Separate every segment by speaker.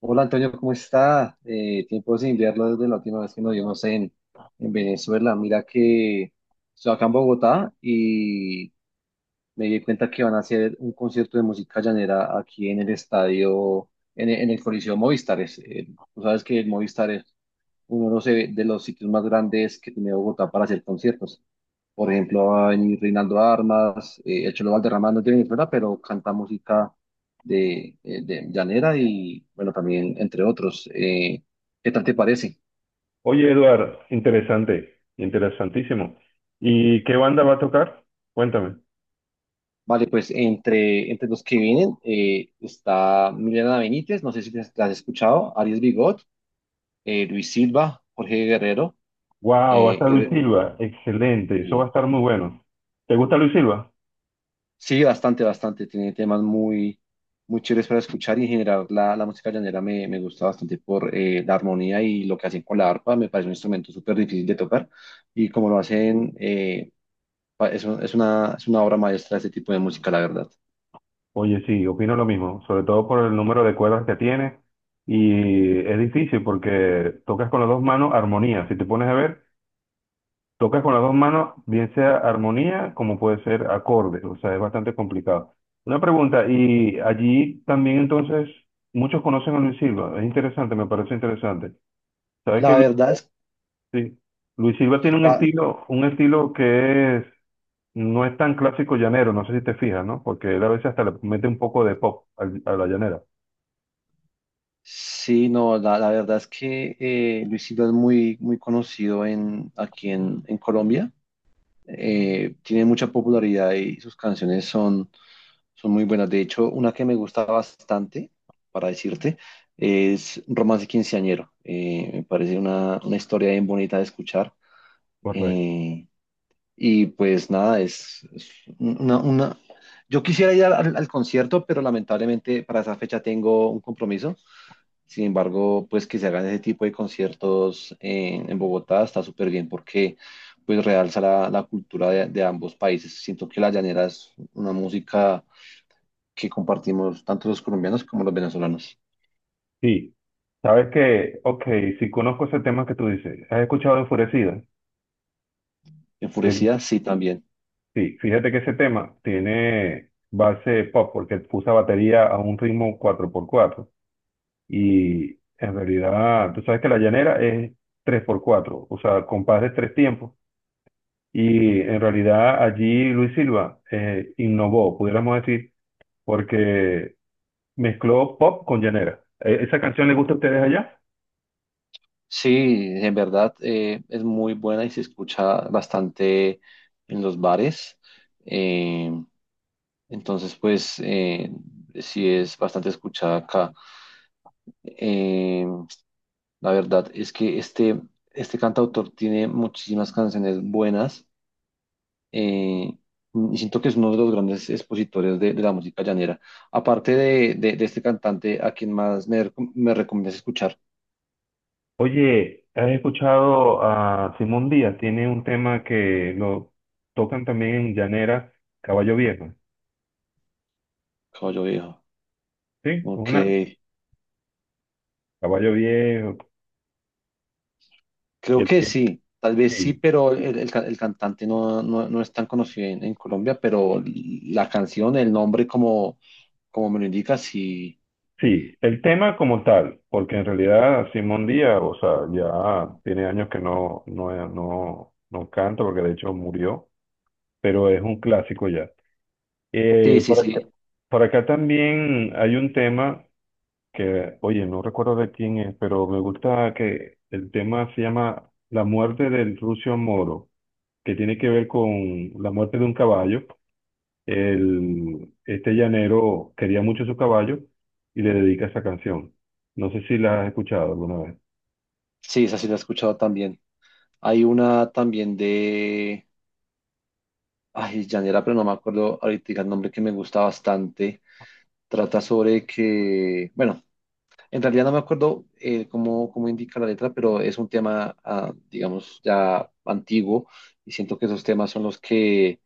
Speaker 1: Hola Antonio, ¿cómo está? Tiempo sin verlo desde la última vez que nos vimos en Venezuela. Mira que estoy acá en Bogotá y me di cuenta que van a hacer un concierto de música llanera aquí en el estadio, en el Coliseo Movistar. Tú sabes que el Movistar es uno de de los sitios más grandes que tiene Bogotá para hacer conciertos. Por ejemplo, va a venir Reinaldo Armas, el Cholo Valderrama no tiene ni fuera, pero canta música de llanera y, bueno, también entre otros. ¿Qué tal te parece?
Speaker 2: Oye, Eduard, interesante, interesantísimo. ¿Y qué banda va a tocar? Cuéntame.
Speaker 1: Vale, pues entre los que vienen está Milena Benítez, no sé si la has escuchado, Arias Bigot, Luis Silva, Jorge Guerrero,
Speaker 2: Wow, va a
Speaker 1: eh,
Speaker 2: estar Luis
Speaker 1: y,
Speaker 2: Silva, excelente, eso va a
Speaker 1: sí.
Speaker 2: estar muy bueno. ¿Te gusta Luis Silva?
Speaker 1: Sí, bastante, bastante. Tiene temas muy, muy chéveres para escuchar y en general la música llanera me gusta bastante por la armonía y lo que hacen con la arpa. Me parece un instrumento súper difícil de tocar y como lo hacen, es una obra maestra ese tipo de música, la verdad.
Speaker 2: Oye, sí, opino lo mismo, sobre todo por el número de cuerdas que tiene y es difícil porque tocas con las dos manos armonía, si te pones a ver, tocas con las dos manos, bien sea armonía como puede ser acordes, o sea, es bastante complicado. Una pregunta, y allí también entonces muchos conocen a Luis Silva, es interesante, me parece interesante. ¿Sabes que
Speaker 1: La
Speaker 2: Luis,
Speaker 1: verdad es,
Speaker 2: sí, Luis Silva tiene
Speaker 1: la-
Speaker 2: un estilo que es, no es tan clásico llanero, no sé si te fijas, ¿no? Porque él a veces hasta le mete un poco de pop a la llanera.
Speaker 1: sí, no, la verdad es que Luis Silva es muy, muy conocido aquí en Colombia. Tiene mucha popularidad y sus canciones son muy buenas. De hecho, una que me gusta bastante, para decirte, es Romance Quinceañero. Me parece una historia bien bonita de escuchar.
Speaker 2: Correcto.
Speaker 1: Eh, y pues nada, una, una- yo quisiera ir al concierto, pero lamentablemente para esa fecha tengo un compromiso. Sin embargo, pues que se hagan ese tipo de conciertos en Bogotá está súper bien porque pues realza la cultura de ambos países. Siento que la llanera es una música que compartimos tanto los colombianos como los venezolanos.
Speaker 2: Sí. ¿Sabes que Ok, si conozco ese tema que tú dices. ¿Has escuchado Enfurecida?
Speaker 1: Enfurecida, sí, también.
Speaker 2: Sí, fíjate que ese tema tiene base pop porque usa batería a un ritmo cuatro por cuatro y en realidad tú sabes que la llanera es tres por cuatro, o sea, compás de tres tiempos y en realidad allí Luis Silva innovó, pudiéramos decir, porque mezcló pop con llanera. ¿Esa canción les gusta a ustedes allá?
Speaker 1: Sí, en verdad es muy buena y se escucha bastante en los bares. Eh, entonces, sí es bastante escuchada acá. Eh, la verdad es que este cantautor tiene muchísimas canciones buenas eh, y siento que es uno de los grandes expositores de la música llanera. Aparte de este cantante, ¿a quien más me recomiendas escuchar?
Speaker 2: Oye, ¿has escuchado a Simón Díaz? Tiene un tema que lo tocan también en llanera, Caballo Viejo.
Speaker 1: Caballo Viejo.
Speaker 2: Sí,
Speaker 1: Ok,
Speaker 2: una caballo viejo.
Speaker 1: creo
Speaker 2: el
Speaker 1: que
Speaker 2: que-
Speaker 1: sí, tal vez sí,
Speaker 2: sí,
Speaker 1: pero el cantante no, no es tan conocido en Colombia, pero la canción, el nombre, como, como me lo indica, sí,
Speaker 2: sí, el tema como tal, porque en realidad Simón Díaz, o sea, ya tiene años que no canta, porque de hecho murió, pero es un clásico ya.
Speaker 1: sí,
Speaker 2: Eh,
Speaker 1: sí,
Speaker 2: por acá,
Speaker 1: sí,
Speaker 2: por acá también hay un tema que, oye, no recuerdo de quién es, pero me gusta que el tema se llama La muerte del Rucio Moro, que tiene que ver con la muerte de un caballo. El, este llanero quería mucho su caballo y le dedica esa canción. No sé si la has escuchado alguna vez.
Speaker 1: sí, esa sí la he escuchado también. Hay una también ay, llanera, pero no me acuerdo ahorita el nombre que me gusta bastante. Trata sobre que, bueno, en realidad no me acuerdo cómo, cómo indica la letra, pero es un tema, ah, digamos, ya antiguo y siento que esos temas son los que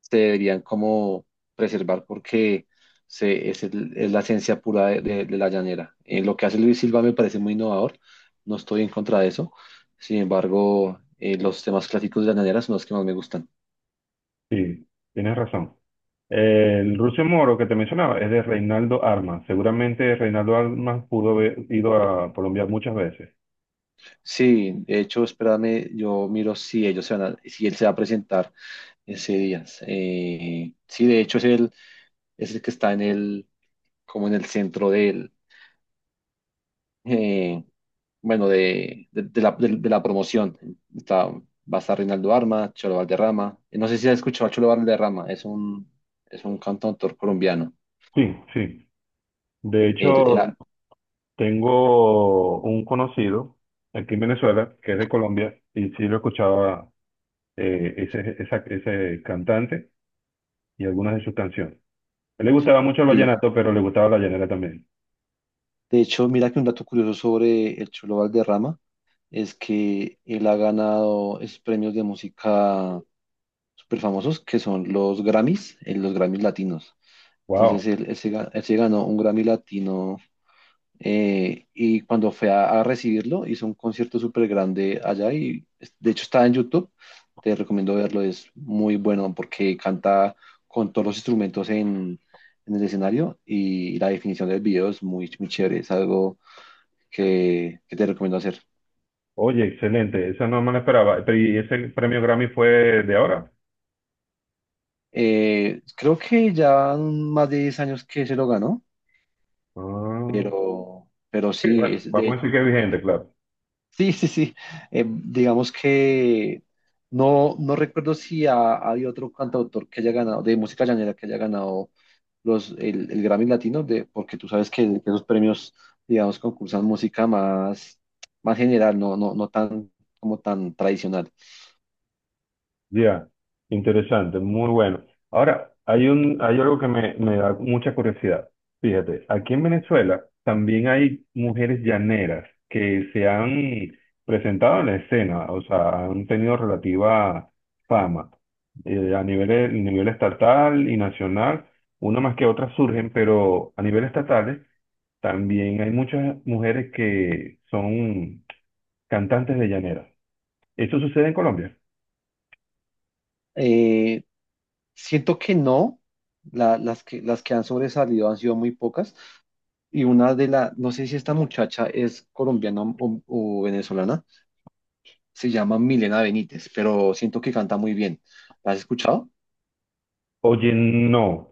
Speaker 1: se deberían como preservar porque es la esencia pura de la llanera. Lo que hace Luis Silva me parece muy innovador, no estoy en contra de eso, sin embargo, los temas clásicos de la llanera son los que más me gustan.
Speaker 2: Sí, tienes razón. El Rucio Moro que te mencionaba es de Reinaldo Armas. Seguramente Reinaldo Armas pudo haber ido a Colombia muchas veces.
Speaker 1: Sí, de hecho, espérame, yo miro si ellos se si él se va a presentar Ese Díaz. Sí, de hecho es el que está en el, como en el centro del, eh, bueno, de la promoción. Está, va a estar Reinaldo Arma, Cholo Valderrama. No sé si has escuchado a Cholo Valderrama, es un, cantautor colombiano.
Speaker 2: Sí, sí. De
Speaker 1: Él-
Speaker 2: hecho,
Speaker 1: él ha-
Speaker 2: tengo un conocido aquí en Venezuela que es de Colombia y sí lo escuchaba ese cantante y algunas de sus canciones. A él le gustaba mucho el
Speaker 1: sí.
Speaker 2: vallenato, pero le gustaba la llanera también.
Speaker 1: De hecho, mira que un dato curioso sobre el Cholo Valderrama es que él ha ganado esos premios de música súper famosos que son los Grammys latinos.
Speaker 2: Wow.
Speaker 1: Entonces él se ganó un Grammy Latino y cuando fue a recibirlo hizo un concierto súper grande allá y de hecho está en YouTube. Te recomiendo verlo, es muy bueno porque canta con todos los instrumentos en el escenario y la definición del video es muy, muy chévere, es algo que te recomiendo hacer.
Speaker 2: Oye, excelente. Esa no me la esperaba. Pero, ¿y ese premio Grammy fue de ahora?
Speaker 1: Creo que ya más de 10 años que se lo ganó,
Speaker 2: Ah,
Speaker 1: pero
Speaker 2: sí,
Speaker 1: sí,
Speaker 2: bueno,
Speaker 1: es, de
Speaker 2: vamos a decir
Speaker 1: hecho
Speaker 2: que es vigente, claro.
Speaker 1: sí, sí, sí. Digamos que no, no recuerdo si hay otro cantautor que haya ganado, de música llanera, que haya ganado el Grammy Latino, de, porque tú sabes que esos premios, digamos, concursan música más, más general, no tan, como tan tradicional.
Speaker 2: Ya, interesante, muy bueno. Ahora, hay algo que me da mucha curiosidad. Fíjate, aquí en Venezuela también hay mujeres llaneras que se han presentado en la escena, o sea, han tenido relativa fama a nivel estatal y nacional, una más que otra surgen, pero a nivel estatal también hay muchas mujeres que son cantantes de llaneras. ¿Eso sucede en Colombia?
Speaker 1: Eh, Siento que no, las que han sobresalido han sido muy pocas, y una de las, no sé si esta muchacha es colombiana o venezolana se llama Milena Benítez, pero siento que canta muy bien. ¿La has escuchado?
Speaker 2: Oye, no.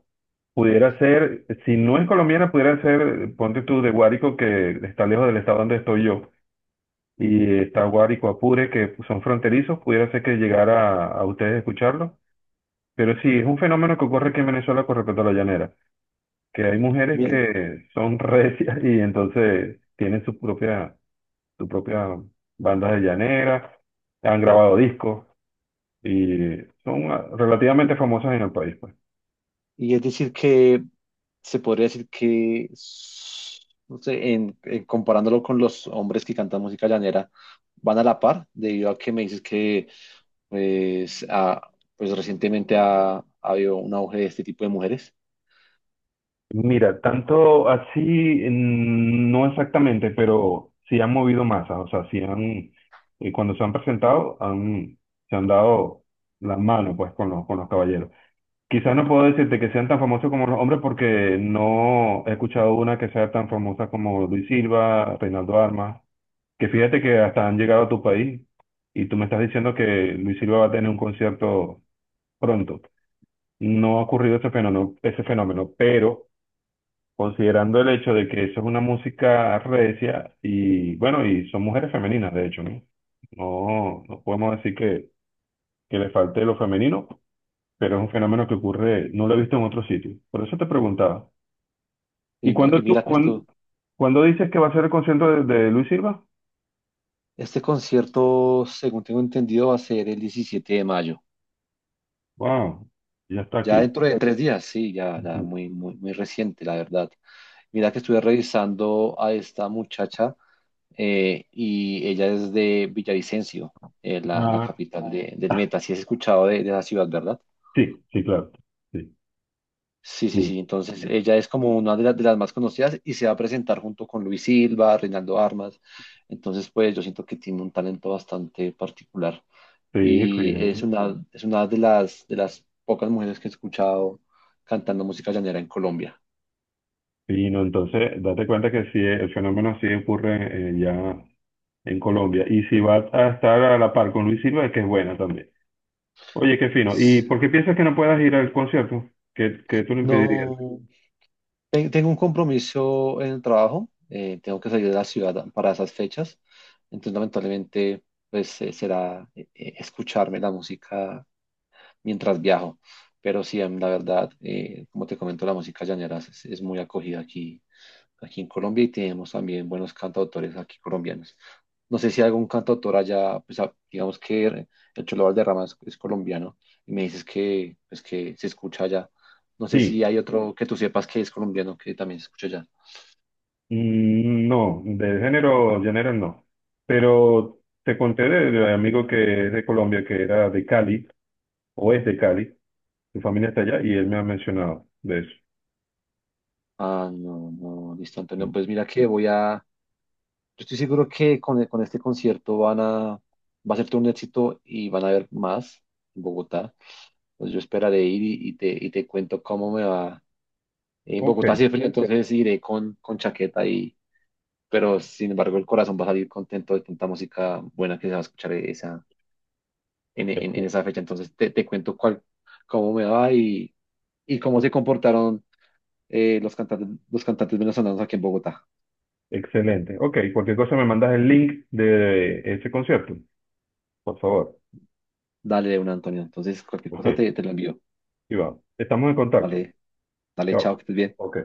Speaker 2: Pudiera ser, si no es colombiana, pudiera ser, ponte tú, de Guárico, que está lejos del estado donde estoy yo, y está Guárico, Apure, que son fronterizos, pudiera ser que llegara a ustedes escucharlo. Pero sí, es un fenómeno que ocurre aquí en Venezuela con respecto a la llanera, que hay mujeres
Speaker 1: Bien.
Speaker 2: que son recias y entonces tienen su propia bandas de llanera, han grabado discos y son ah, relativamente famosas en el país, pues.
Speaker 1: Y es decir que se podría decir que, no sé, en comparándolo con los hombres que cantan música llanera, van a la par, debido a que me dices que pues, pues recientemente ha habido un auge de este tipo de mujeres.
Speaker 2: Mira, tanto así, mm, no exactamente, pero sí han movido masas, o sea, sí han, cuando se han presentado, han, se han dado la mano, pues, con los caballeros. Quizás no puedo decirte que sean tan famosos como los hombres porque no he escuchado una que sea tan famosa como Luis Silva, Reinaldo Armas, que fíjate que hasta han llegado a tu país y tú me estás diciendo que Luis Silva va a tener un concierto pronto. No ha ocurrido ese fenómeno, pero considerando el hecho de que eso es una música recia y bueno, y son mujeres femeninas, de hecho, ¿no? No, no podemos decir que le falte lo femenino, pero es un fenómeno que ocurre, no lo he visto en otro sitio. Por eso te preguntaba. ¿Y
Speaker 1: Y, no,
Speaker 2: cuándo
Speaker 1: y
Speaker 2: tú,
Speaker 1: mira que
Speaker 2: cuán-
Speaker 1: esto,
Speaker 2: ¿Cuándo dices que va a ser el concierto de Luis Silva?
Speaker 1: este concierto, según tengo entendido, va a ser el 17 de mayo.
Speaker 2: Wow, ya está
Speaker 1: Ya
Speaker 2: aquí.
Speaker 1: dentro de tres días, sí, ya, ya
Speaker 2: Ujú.
Speaker 1: muy, muy, muy reciente, la verdad. Mira que estuve revisando a esta muchacha y ella es de Villavicencio, la
Speaker 2: Ah,
Speaker 1: capital del Meta. Si has escuchado de la ciudad, ¿verdad?
Speaker 2: sí, sí, claro. Sí,
Speaker 1: Sí, sí,
Speaker 2: sí,
Speaker 1: sí. Entonces ella es como una las de las más conocidas y se va a presentar junto con Luis Silva, Reinaldo Armas. Entonces, pues yo siento que tiene un talento bastante particular
Speaker 2: sí,
Speaker 1: y es
Speaker 2: fíjate.
Speaker 1: Mm. una, es una de las pocas mujeres que he escuchado cantando música llanera en Colombia.
Speaker 2: Sí, no, entonces, date cuenta que sí, el fenómeno sí ocurre ya en Colombia. Y si vas a estar a la par con Luis Silva, es que es buena también. Oye, qué fino. ¿Y por qué piensas que no puedas ir al concierto? ¿Qué, qué tú lo impedirías?
Speaker 1: No, tengo un compromiso en el trabajo, tengo que salir de la ciudad para esas fechas, entonces lamentablemente pues será escucharme la música mientras viajo. Pero sí, la verdad, como te comento, la música llanera es muy acogida aquí, en Colombia y tenemos también buenos cantautores aquí colombianos. No sé si hay algún cantautor allá, pues digamos que el Cholo Valderrama es colombiano y me dices que, pues, que se escucha allá. No sé si
Speaker 2: Sí,
Speaker 1: hay otro que tú sepas que es colombiano que también se escucha allá.
Speaker 2: mm, no, de género general no. Pero te conté del amigo que es de Colombia, que era de Cali, o es de Cali, su familia está allá, y él me ha mencionado de eso.
Speaker 1: Ah, no, no, listo, Antonio. Pues mira que yo estoy seguro que con este concierto va a ser todo un éxito y van a haber más en Bogotá. Entonces yo esperaré ir y te cuento cómo me va. En
Speaker 2: Ok,
Speaker 1: Bogotá hace frío, entonces iré con chaqueta pero sin embargo el corazón va a salir contento de tanta música buena que se va a escuchar en
Speaker 2: ex-
Speaker 1: esa fecha. Entonces te cuento cómo me va y cómo se comportaron los cantantes, venezolanos aquí en Bogotá.
Speaker 2: excelente. Ok, cualquier cosa me mandas el link de ese concierto, por favor.
Speaker 1: Dale de una, Antonio. Entonces cualquier
Speaker 2: Ok,
Speaker 1: cosa te lo envío.
Speaker 2: y vamos. Estamos en contacto.
Speaker 1: Vale. Dale,
Speaker 2: Chao.
Speaker 1: chao, que estés bien.
Speaker 2: Ok.